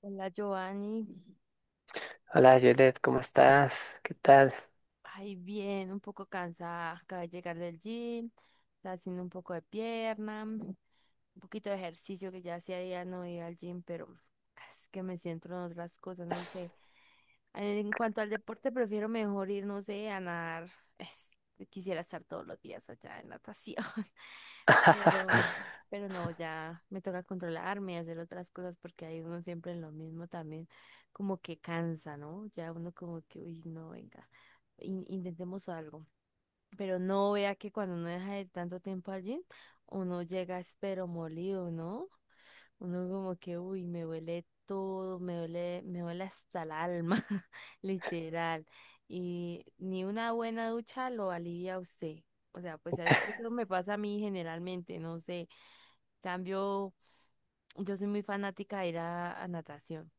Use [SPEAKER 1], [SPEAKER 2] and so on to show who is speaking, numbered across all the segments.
[SPEAKER 1] Hola, Giovanni.
[SPEAKER 2] Hola, Violet, ¿cómo estás? ¿Qué tal?
[SPEAKER 1] Ay, bien, un poco cansada. Acabo de llegar del gym, está haciendo un poco de pierna, un poquito de ejercicio que ya hacía días no iba al gym, pero es que me centro en otras cosas, no sé. En cuanto al deporte, prefiero mejor ir, no sé, a nadar. Es- Quisiera estar todos los días allá en natación, pero, pero no, ya me toca controlarme y hacer otras cosas porque hay uno siempre en lo mismo también, como que cansa, ¿no? Ya uno como que, uy, no, venga intentemos algo. Pero no vea que cuando uno deja de ir tanto tiempo allí, uno llega espero molido, ¿no? Uno como que, uy, me duele todo, me duele hasta el alma, literal. Y ni una buena ducha lo alivia a usted. O sea, pues eso me pasa a mí generalmente, no sé. Cambio, yo soy muy fanática de ir a natación.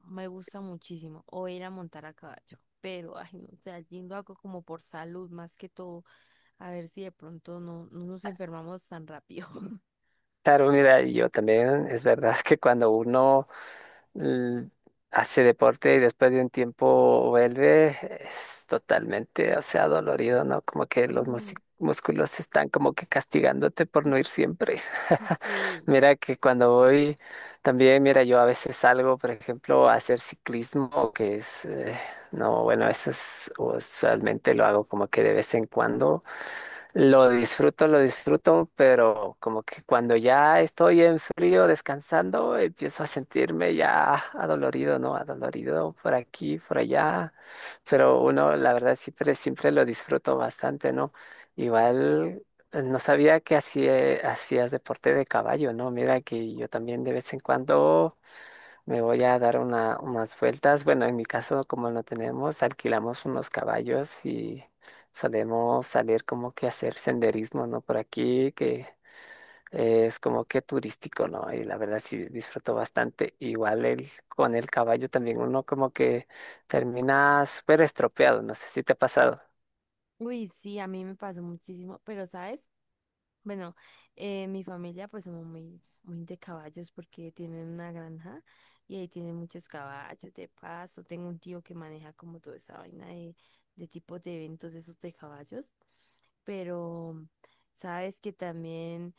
[SPEAKER 1] Me gusta muchísimo. O ir a montar a caballo. Pero, ay, no sé, allí lo hago como por salud más que todo. A ver si de pronto no, no nos enfermamos tan rápido.
[SPEAKER 2] Claro, mira, y yo también, es verdad que cuando uno l- hace deporte y después de un tiempo vuelve, es totalmente, o sea, dolorido, ¿no? Como que los
[SPEAKER 1] Mm.
[SPEAKER 2] músculos están como que castigándote por no ir siempre.
[SPEAKER 1] Sí.
[SPEAKER 2] Mira que cuando voy, también, mira, yo a veces salgo, por ejemplo, a hacer ciclismo, que es, no, bueno, eso es, usualmente lo hago como que de vez en cuando. Lo disfruto, pero como que cuando ya estoy en frío descansando, empiezo a sentirme ya adolorido, ¿no? Adolorido por aquí, por allá. Pero uno, la verdad, siempre, siempre lo disfruto bastante, ¿no? Igual no sabía que hacías deporte de caballo, ¿no? Mira que yo también de vez en cuando. Me voy a dar una, unas vueltas. Bueno, en mi caso, como no tenemos, alquilamos unos caballos y solemos salir como que a hacer senderismo, ¿no? Por aquí, que es como que turístico, ¿no? Y la verdad sí disfruto bastante. Igual el, con el caballo también uno como que termina súper estropeado. No sé si te ha pasado.
[SPEAKER 1] Uy, sí, a mí me pasó muchísimo. Pero, ¿sabes? Bueno, mi familia pues somos muy, muy de caballos porque tienen una granja y ahí tienen muchos caballos de paso. Tengo un tío que maneja como toda esa vaina de tipos de eventos de esos de caballos. Pero sabes que también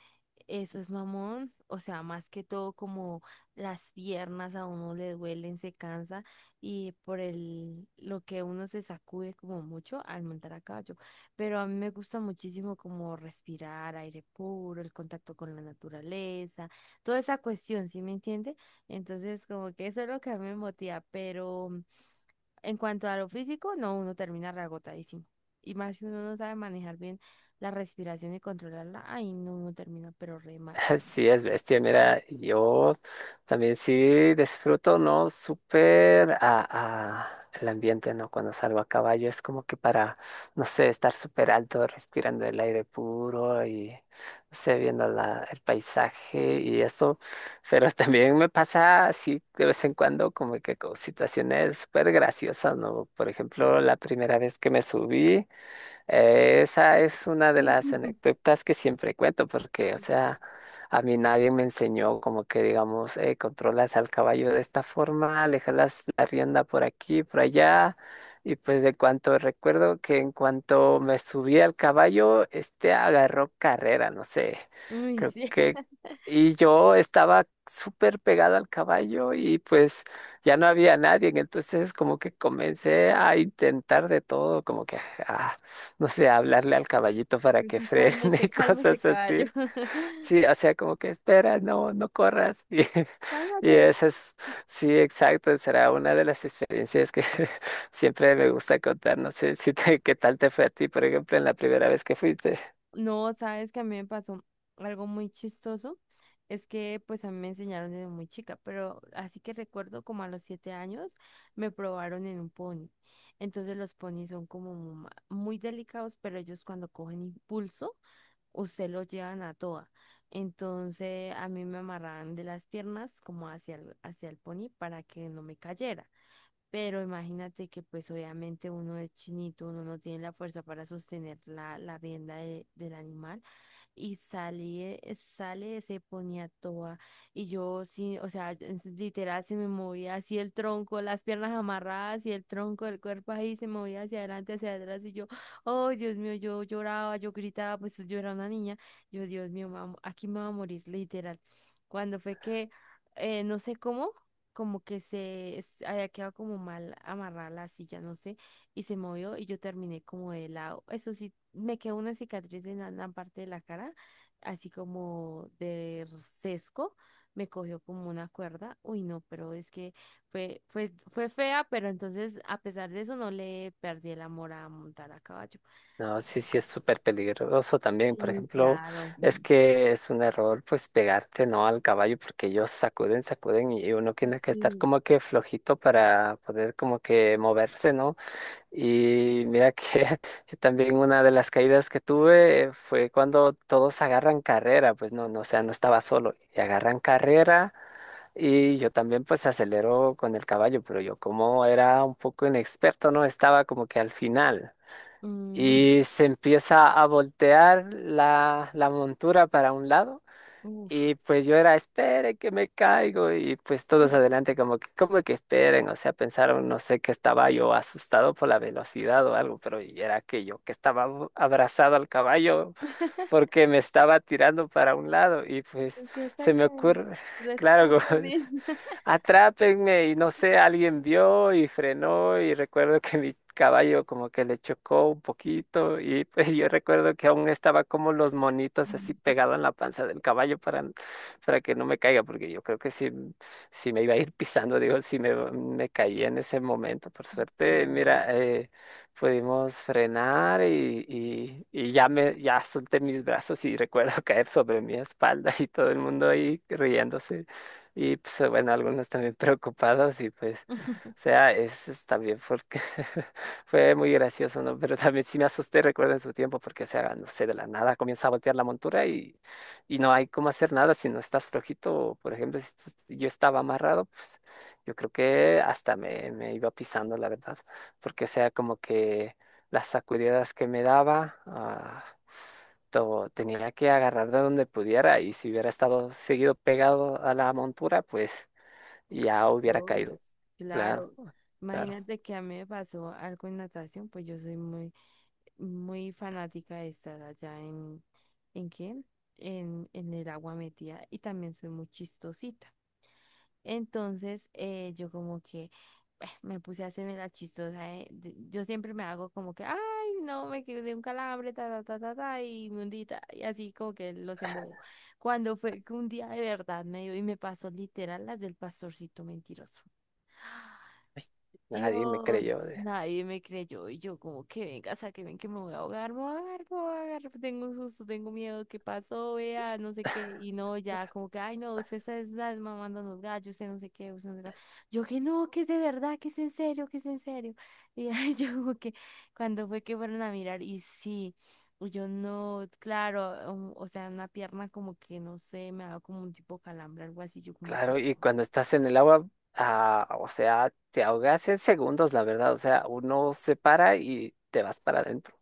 [SPEAKER 1] eso es mamón, o sea, más que todo como las piernas a uno le duelen, se cansa y por el lo que uno se sacude como mucho al montar a caballo, pero a mí me gusta muchísimo como respirar aire puro, el contacto con la naturaleza, toda esa cuestión, ¿sí me entiende? Entonces, como que eso es lo que a mí me motiva, pero en cuanto a lo físico, no, uno termina reagotadísimo. Y más si uno no sabe manejar bien la respiración y controlarla, ay, no, uno termina pero re mal.
[SPEAKER 2] Sí, es bestia. Mira, yo también sí disfruto, ¿no? Súper a el ambiente, ¿no? Cuando salgo a caballo es como que para, no sé, estar súper alto, respirando el aire puro y, no sé, viendo la, el paisaje y eso. Pero también me pasa así de vez en cuando como que con situaciones súper graciosas, ¿no? Por ejemplo, la primera vez que me subí. Esa es una de las anécdotas que siempre cuento porque, o sea, a mí nadie me enseñó como que, digamos, controlas al caballo de esta forma, le jalas la rienda por aquí, por allá. Y pues de cuanto recuerdo que en cuanto me subí al caballo, este agarró carrera, no sé,
[SPEAKER 1] Uy,
[SPEAKER 2] creo
[SPEAKER 1] sí.
[SPEAKER 2] que... Y yo estaba súper pegado al caballo y pues ya no había nadie, entonces como que comencé a intentar de todo, como que... ah, no sé, hablarle al caballito para que frene
[SPEAKER 1] Cálmese,
[SPEAKER 2] y
[SPEAKER 1] cálmese,
[SPEAKER 2] cosas
[SPEAKER 1] caballo.
[SPEAKER 2] así. Sí, o sea, como que espera, no, no corras. Y, y
[SPEAKER 1] Cálmate.
[SPEAKER 2] eso es, sí, exacto, será una de las experiencias que siempre me gusta contar. No sé si qué tal te fue a ti, por ejemplo, en la primera vez que fuiste.
[SPEAKER 1] No, sabes que a mí me pasó algo muy chistoso. Es que pues a mí me enseñaron desde muy chica, pero así que recuerdo como a los siete años me probaron en un pony. Entonces los ponis son como muy delicados, pero ellos cuando cogen impulso, usted los llevan a toa. Entonces a mí me amarraban de las piernas como hacia el pony para que no me cayera. Pero imagínate que pues obviamente uno es chinito, uno no tiene la fuerza para sostener la, la rienda del animal y salí, sale, se ponía toda. Y yo sí, o sea, literal se me movía así el tronco, las piernas amarradas y el tronco del cuerpo ahí se movía hacia adelante, hacia atrás. Y yo, oh Dios mío, yo lloraba, yo gritaba, pues yo era una niña. Yo, Dios mío, me va a aquí me va a morir, literal. Cuando fue que, no sé cómo, como que se había quedado como mal amarrada la silla, no sé, y se movió y yo terminé como de lado. Eso sí, me quedó una cicatriz en la, la parte de la cara, así como de sesgo. Me cogió como una cuerda. Uy, no, pero es que fue, fue, fue fea, pero entonces a pesar de eso no le perdí el amor a montar a caballo.
[SPEAKER 2] No, sí, sí, es súper peligroso también. Por
[SPEAKER 1] Sí,
[SPEAKER 2] ejemplo,
[SPEAKER 1] claro.
[SPEAKER 2] es que es un error, pues, pegarte, ¿no? Al caballo, porque ellos sacuden, sacuden y uno tiene que estar
[SPEAKER 1] Sí.
[SPEAKER 2] como que flojito para poder como que moverse, ¿no? Y mira que también una de las caídas que tuve fue cuando todos agarran carrera, pues no, no, o sea, no estaba solo, y agarran carrera y yo también pues acelero con el caballo, pero yo como era un poco inexperto, no estaba como que al final
[SPEAKER 1] Mm.
[SPEAKER 2] y se empieza a voltear la, la montura para un lado.
[SPEAKER 1] Uf.
[SPEAKER 2] Y pues yo era, espere que me caigo. Y pues todos adelante como que ¿esperen? O sea, pensaron, no sé, que estaba yo asustado por la velocidad o algo, pero y era que yo que estaba abrazado al caballo porque me estaba tirando para un lado. Y pues
[SPEAKER 1] Es que
[SPEAKER 2] se
[SPEAKER 1] saca,
[SPEAKER 2] me ocurre, claro,
[SPEAKER 1] rescáteme.
[SPEAKER 2] atrápenme y no sé, alguien vio y frenó y recuerdo que mi caballo como que le chocó un poquito y pues yo recuerdo que aún estaba como los monitos así pegado en la panza del caballo para que no me caiga, porque yo creo que si, si me iba a ir pisando, digo, si me, me caía en ese momento, por suerte, mira,
[SPEAKER 1] Claro.
[SPEAKER 2] pudimos frenar y ya me, ya solté mis brazos y recuerdo caer sobre mi espalda y todo el mundo ahí riéndose. Y pues bueno, algunos también preocupados y pues, o sea, es también porque fue muy gracioso, ¿no? Pero también sí me asusté, recuerdo en su tiempo, porque, o sea, no sé, de la nada comienza a voltear la montura y no hay cómo hacer nada si no estás flojito. Por ejemplo, si yo estaba amarrado, pues yo creo que hasta me, me iba pisando, la verdad, porque, o sea, como que las sacudidas que me daba... tenía que agarrar de donde pudiera y si hubiera estado seguido pegado a la montura, pues ya hubiera
[SPEAKER 1] Dios,
[SPEAKER 2] caído. Claro,
[SPEAKER 1] claro.
[SPEAKER 2] claro.
[SPEAKER 1] Imagínate que a mí me pasó algo en natación, pues yo soy muy, muy fanática de estar allá ¿en qué? En el agua metida y también soy muy chistosita. Entonces, yo como que me puse a hacerme la chistosa. Yo siempre me hago como que, ay, no, me quedé un calambre, ta, ta, ta, ta, ta, y me hundí, ta", y así como que los embobo. Cuando fue que un día de verdad me dio y me pasó literal las del pastorcito mentiroso.
[SPEAKER 2] Nadie me creyó.
[SPEAKER 1] Dios, nadie me creyó y yo como que venga, saquen que me voy a ahogar, me voy a ahogar, me voy a ahogar, tengo un susto, tengo miedo, ¿qué pasó? Vea, no sé qué, y no, ya como que, ay no, usted se está mamando los gallos, usted no sé qué, usted no sé qué. Yo que no, que es de verdad, que es en serio, que es en serio. Y ay, yo como que cuando fue que fueron a mirar y sí, y yo no, claro, o sea, una pierna como que no sé, me daba como un tipo calambre, algo así, yo como que...
[SPEAKER 2] Claro, y cuando estás en el agua, o sea, te ahogas en segundos, la verdad. O sea, uno se para y te vas para adentro.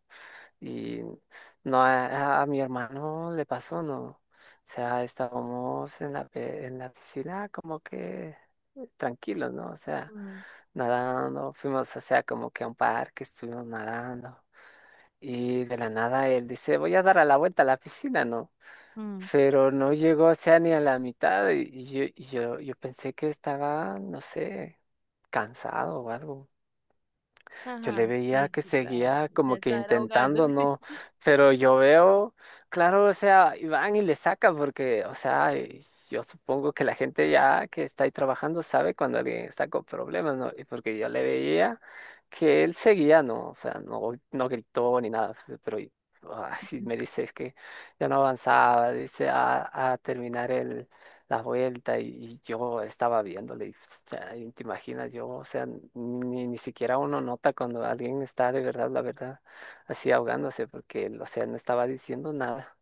[SPEAKER 2] Y no a, a mi hermano le pasó, no. O sea, estábamos en la, en la piscina como que tranquilos, ¿no? O sea,
[SPEAKER 1] Mm,
[SPEAKER 2] nadando, fuimos, o sea, como que a un parque, estuvimos nadando. Y de la nada él dice, voy a dar a la vuelta a la piscina, ¿no?
[SPEAKER 1] mm.
[SPEAKER 2] Pero no llegó, o sea, ni a la mitad. Y yo, yo pensé que estaba, no sé, cansado o algo. Yo le
[SPEAKER 1] Ajá,
[SPEAKER 2] veía
[SPEAKER 1] sí,
[SPEAKER 2] que
[SPEAKER 1] claro,
[SPEAKER 2] seguía
[SPEAKER 1] ya
[SPEAKER 2] como que
[SPEAKER 1] estar
[SPEAKER 2] intentando,
[SPEAKER 1] ahogándose.
[SPEAKER 2] ¿no? Pero yo veo, claro, o sea, y van y le sacan porque, o sea, y yo supongo que la gente ya que está ahí trabajando sabe cuando alguien está con problemas, ¿no? Y porque yo le veía que él seguía, ¿no? O sea, no, no gritó ni nada, pero así me dice, es que ya no avanzaba, dice, a terminar la vuelta y yo estaba viéndole y pues, chay, te imaginas yo, o sea, ni, ni siquiera uno nota cuando alguien está de verdad, la verdad, así ahogándose porque, o sea, no estaba diciendo nada.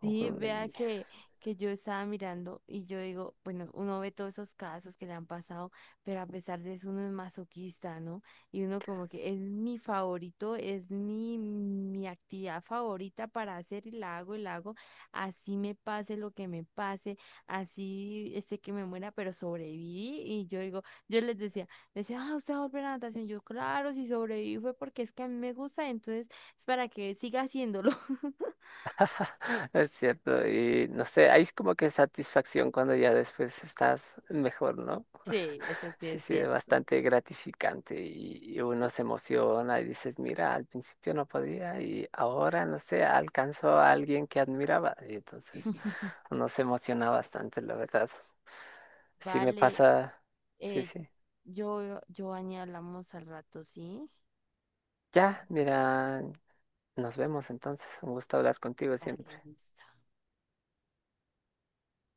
[SPEAKER 1] Sí, vea que yo estaba mirando y yo digo, bueno, uno ve todos esos casos que le han pasado, pero a pesar de eso uno es masoquista, ¿no? Y uno como que es mi favorito, es mi, mi actividad favorita para hacer y la hago, así me pase lo que me pase, así este que me muera, pero sobreviví. Y yo digo, yo les decía, ah, usted va a volver a la natación. Yo, claro, si sobreviví fue porque es que a mí me gusta, entonces es para que siga haciéndolo.
[SPEAKER 2] Es cierto, y no sé, hay como que satisfacción cuando ya después estás mejor, ¿no?
[SPEAKER 1] Sí, ese sí
[SPEAKER 2] Sí,
[SPEAKER 1] es
[SPEAKER 2] sí, es
[SPEAKER 1] cierto.
[SPEAKER 2] bastante gratificante y uno se emociona y dices, mira, al principio no podía y ahora, no sé, alcanzó a alguien que admiraba. Y entonces uno se emociona bastante, la verdad. Sí me
[SPEAKER 1] Vale,
[SPEAKER 2] pasa, sí,
[SPEAKER 1] eh,
[SPEAKER 2] sí.
[SPEAKER 1] yo, Giovanni, hablamos al rato, ¿sí?
[SPEAKER 2] Ya, mira, nos vemos entonces. Un gusto hablar contigo siempre.
[SPEAKER 1] Vale, listo.